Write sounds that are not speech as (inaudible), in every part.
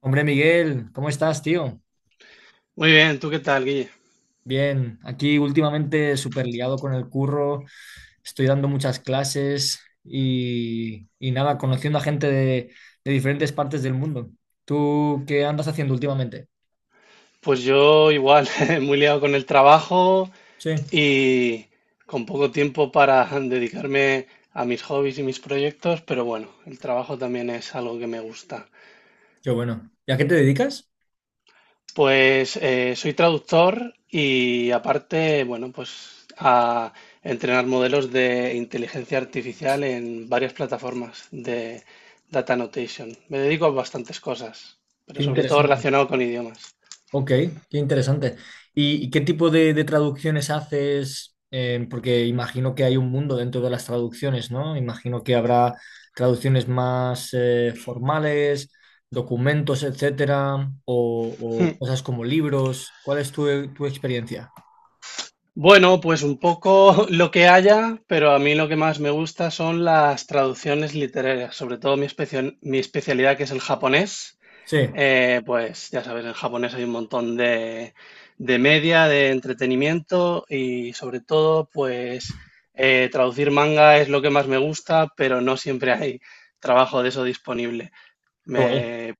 Hombre, Miguel, ¿cómo estás, tío? Muy bien, ¿tú qué tal, Guille? Bien, aquí últimamente súper liado con el curro, estoy dando muchas clases y nada, conociendo a gente de diferentes partes del mundo. ¿Tú qué andas haciendo últimamente? Pues yo igual, (laughs) muy liado con el trabajo Sí, y con poco tiempo para (laughs) dedicarme a mis hobbies y mis proyectos, pero bueno, el trabajo también es algo que me gusta. qué bueno. ¿Y a qué te dedicas? Pues soy traductor y aparte, bueno, pues a entrenar modelos de inteligencia artificial en varias plataformas de data annotation. Me dedico a bastantes cosas, pero Qué sobre todo interesante. relacionado con idiomas. Ok, qué interesante. ¿Y qué tipo de traducciones haces? Porque imagino que hay un mundo dentro de las traducciones, ¿no? Imagino que habrá traducciones más formales, documentos, etcétera, o (laughs) cosas como libros. ¿Cuál es tu experiencia? Bueno, pues un poco (laughs) lo que haya, pero a mí lo que más me gusta son las traducciones literarias, sobre todo mi especialidad que es el japonés. Sí, qué Pues ya sabes, en japonés hay un montón de media, de entretenimiento y sobre todo, pues traducir manga es lo que más me gusta, pero no siempre hay trabajo de eso disponible. guay. Me-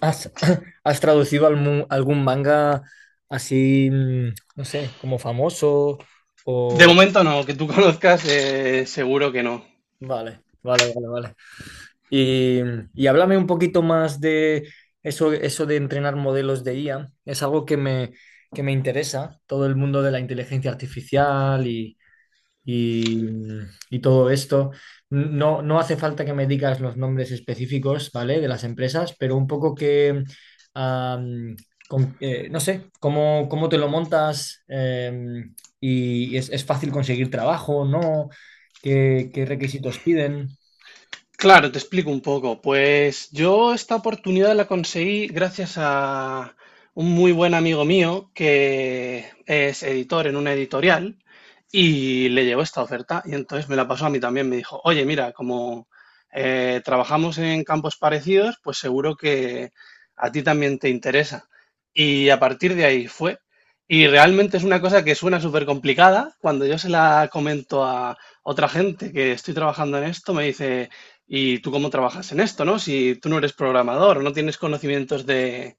¿Has, (laughs) ¿has traducido algún manga así, no sé, como famoso? de O... momento no, que tú (laughs) conozcas, seguro que no. Vale, vale, vale, vale. Y, y háblame un poquito más de eso, eso de entrenar modelos de IA. Es algo que me interesa, todo el mundo de la inteligencia artificial y- y todo esto. No hace falta que me digas los nombres específicos, ¿vale? De las empresas, pero un poco que, am, no sé, cómo te lo montas y es fácil conseguir trabajo, ¿no? ¿Qué requisitos piden? Claro, te explico un poco. Pues yo esta oportunidad la conseguí gracias a un muy buen amigo mío que es editor en una editorial y le llegó esta oferta y entonces me la pasó a mí también. Me dijo, oye, mira, como trabajamos en campos parecidos, pues seguro que a ti también te interesa. Y a partir de ahí fue. Y realmente es una cosa que suena súper complicada. Cuando yo se la comento a otra gente que estoy trabajando en esto, me dice... ¿Y tú cómo trabajas en esto, no? Si tú no eres programador, no tienes conocimientos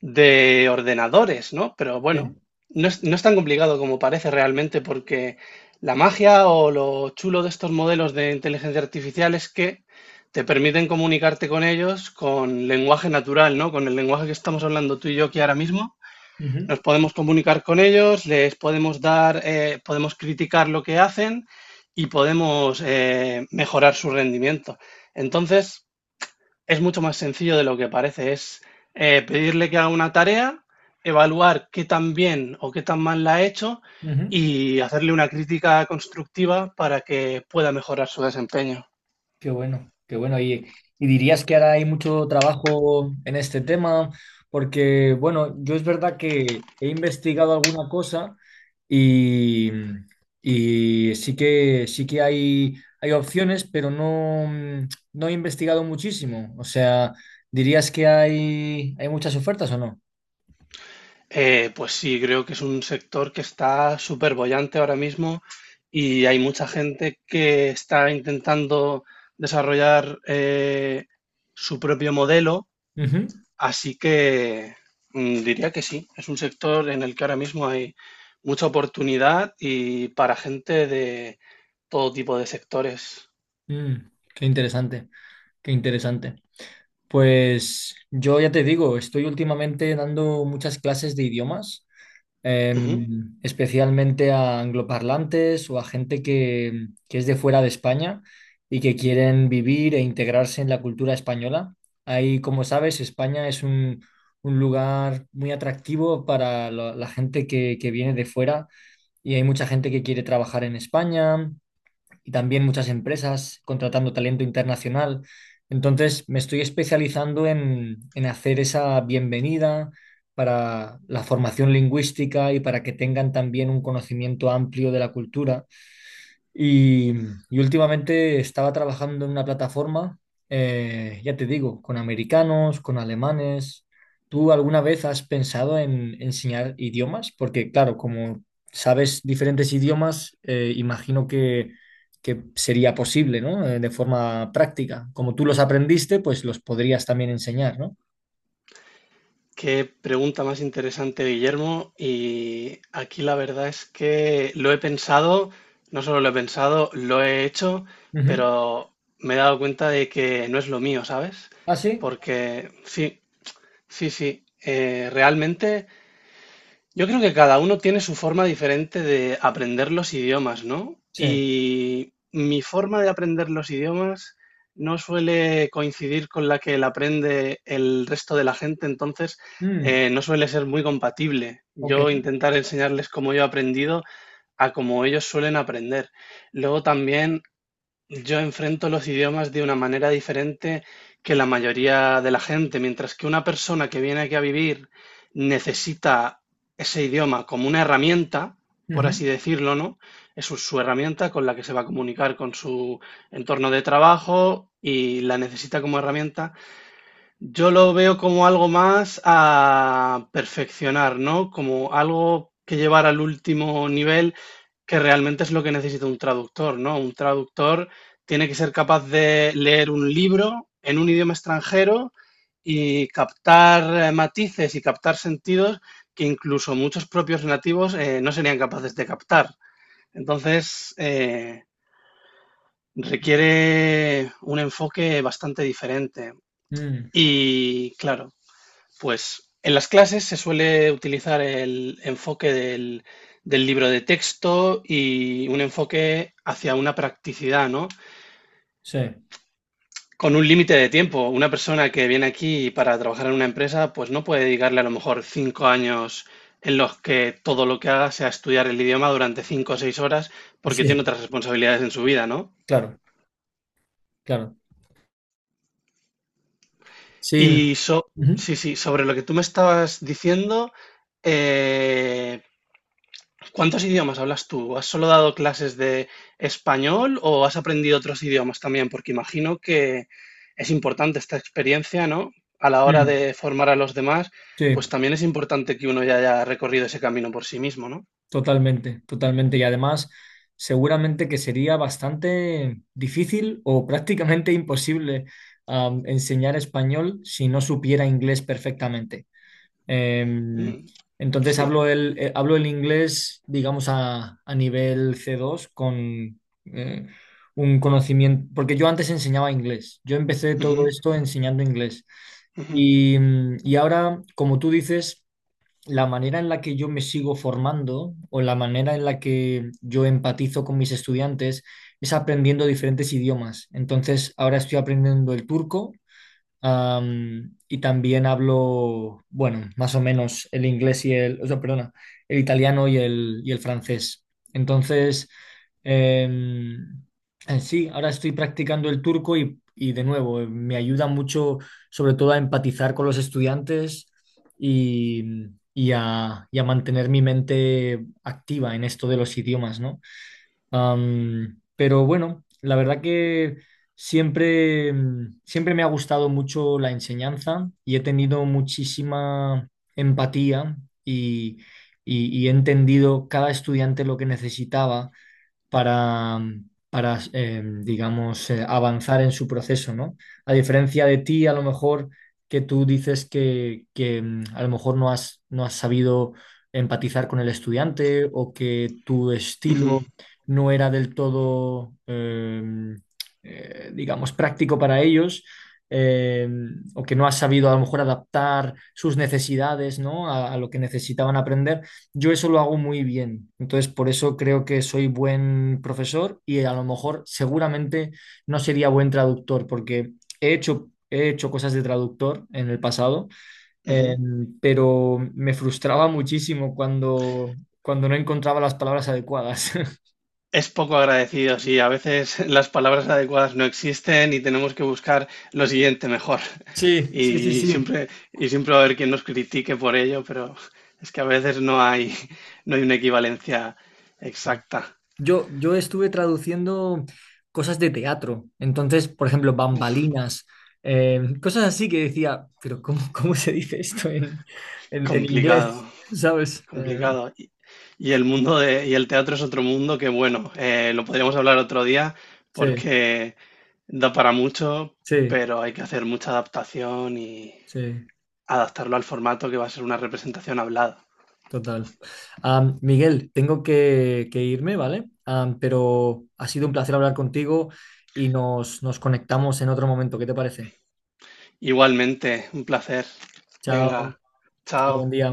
de ordenadores, ¿no? Pero bueno, Sí. No es tan complicado como parece realmente porque la magia o lo chulo de estos modelos de inteligencia artificial es que te permiten comunicarte con ellos con lenguaje natural, ¿no? Con el lenguaje que estamos hablando tú y yo aquí ahora mismo, Ujú, nos podemos comunicar con ellos, les podemos dar, podemos criticar lo que hacen y podemos mejorar su rendimiento. Entonces, es mucho más sencillo de lo que parece. Es pedirle que haga una tarea, evaluar qué tan bien o qué tan mal la ha hecho ujú. y hacerle una crítica constructiva para que pueda mejorar su desempeño. Qué bueno, qué bueno. Y dirías que ahora hay mucho trabajo en este tema, porque, bueno, yo es verdad que he investigado alguna cosa y, y sí que hay opciones, pero no, no he investigado muchísimo. O sea, ¿dirías que hay muchas ofertas o no? Pues sí, creo que es un sector que está súper bollante ahora mismo y hay mucha gente que está intentando desarrollar su propio modelo, Ujú. así que diría que sí, es un sector en el que ahora mismo hay mucha oportunidad y para gente de todo tipo de sectores. Mm, qué interesante, qué interesante. Pues yo ya te digo, estoy últimamente dando muchas clases de idiomas. Especialmente a angloparlantes o a gente que es de fuera de España y que quieren vivir e integrarse en la cultura española. Ahí, como sabes, España es un lugar muy atractivo para la gente que viene de fuera y hay mucha gente que quiere trabajar en España, y también muchas empresas contratando talento internacional. Entonces me estoy especializando en hacer esa bienvenida para la formación lingüística y para que tengan también un conocimiento amplio de la cultura y, y últimamente estaba trabajando en una plataforma, ya te digo, con americanos, con alemanes. ¿Tú alguna vez has pensado en enseñar idiomas? Porque claro, como sabes diferentes idiomas, imagino que sería posible, ¿no? De forma práctica. Como tú los aprendiste, pues los podrías también enseñar, ¿no? Qué pregunta más interesante, Guillermo. Y aquí la verdad es que lo he pensado, no solo lo he pensado, lo he hecho, Ujú. pero me he dado cuenta de que no es lo mío, ¿sabes? ¿Ah, sí? Porque sí, sí, sí. Realmente yo creo que cada uno tiene su forma diferente de aprender los idiomas, ¿no? Sí. Y mi forma de aprender los idiomas no suele coincidir con la que la aprende el resto de la gente, entonces Mm, no suele ser muy compatible. ok. Yo intentar enseñarles cómo yo he aprendido a cómo ellos suelen aprender. Luego también yo enfrento los idiomas de una manera diferente que la mayoría de la gente. Mientras que una persona que viene aquí a vivir necesita ese idioma como una herramienta, por Ujú. así decirlo, ¿no? Es su herramienta con la que se va a comunicar con su entorno de trabajo y la necesita como herramienta. Yo lo veo como algo más a perfeccionar, ¿no? Como algo que llevar al último nivel, que realmente es lo que necesita un traductor, ¿no? Un traductor tiene que ser capaz de leer un libro en un idioma extranjero y captar matices y captar sentidos que incluso muchos propios nativos no serían capaces de captar. Entonces, requiere un enfoque bastante diferente. Mm, Y claro, pues en las clases se suele utilizar el enfoque del libro de texto y un enfoque hacia una practicidad, ¿no? sí. Con un límite de tiempo. Una persona que viene aquí para trabajar en una empresa, pues no puede dedicarle a lo mejor 5 años en los que todo lo que haga sea estudiar el idioma durante 5 o 6 horas, porque tiene Sí. otras responsabilidades en su vida, ¿no? Claro, claro. Sí. Y Ujú. sí, sí, sobre lo que tú me estabas diciendo, eh, ¿cuántos idiomas hablas tú? ¿Has solo dado clases de español o has aprendido otros idiomas también? Porque imagino que es importante esta experiencia, ¿no? A la hora Mm. de formar a los demás, Sí, pues también es importante que uno ya haya recorrido ese camino por sí mismo, ¿no? totalmente, totalmente. Y además, seguramente que sería bastante difícil o prácticamente (laughs) imposible enseñar español si no supiera inglés perfectamente. Em, Mm, entonces sí. Hablo el inglés, digamos, a nivel C2 con eh, un conocimiento, porque yo antes enseñaba inglés. Yo empecé todo Ujú, esto enseñando inglés. ujú, Y, y ahora, como tú dices, la manera en la que yo me sigo formando o la manera en la que yo empatizo con mis estudiantes es aprendiendo diferentes idiomas. Entonces, ahora estoy aprendiendo el turco. Am, y también hablo, bueno, más o menos el inglés y el, o sea, perdona, el italiano y el francés. Entonces, em, sí, ahora estoy practicando el turco y de nuevo, me ayuda mucho sobre todo a empatizar con los estudiantes y, y a mantener mi mente activa en esto de los idiomas, ¿no? Am, pero bueno, la verdad que siempre, siempre me ha gustado mucho la enseñanza y he tenido muchísima empatía y, y he entendido cada estudiante lo que necesitaba para, para digamos, avanzar en su proceso, ¿no? A diferencia de ti, a lo mejor que tú dices que, a lo mejor no has, no has sabido empatizar con el estudiante o que tu ujú, estilo no era del todo, digamos, práctico para ellos. eh, o que no has sabido a lo mejor adaptar sus necesidades, ¿no? A lo que necesitaban aprender. Yo eso lo hago muy bien. Entonces, por eso creo que soy buen profesor y a lo mejor seguramente no sería buen traductor, porque he hecho cosas de traductor en el pasado, eh, ujú. pero me frustraba muchísimo cuando no encontraba las palabras adecuadas. (laughs) Es poco agradecido, sí. A veces (laughs) las palabras adecuadas no existen y tenemos que buscar lo siguiente mejor. Sí, sí, sí, sí. Y siempre va a haber quien nos critique por ello, pero es que a veces no hay, no hay una equivalencia exacta. Yo estuve traduciendo cosas de teatro, entonces, por ejemplo, bambalinas, cosas así que decía, pero ¿cómo se dice esto en, en inglés? Complicado, ¿Sabes? Complicado. Y el mundo de, y el teatro es otro mundo que, bueno, lo podríamos hablar otro día Sí, porque da para mucho, sí, pero hay que hacer mucha adaptación y sí, adaptarlo al formato que va a ser una representación hablada. total. Am, Miguel, tengo que irme, ¿vale? Am, pero ha sido un placer hablar contigo y nos conectamos en otro momento. ¿Qué te parece? Igualmente, un placer. Chao, Venga, chao, buen chao. día.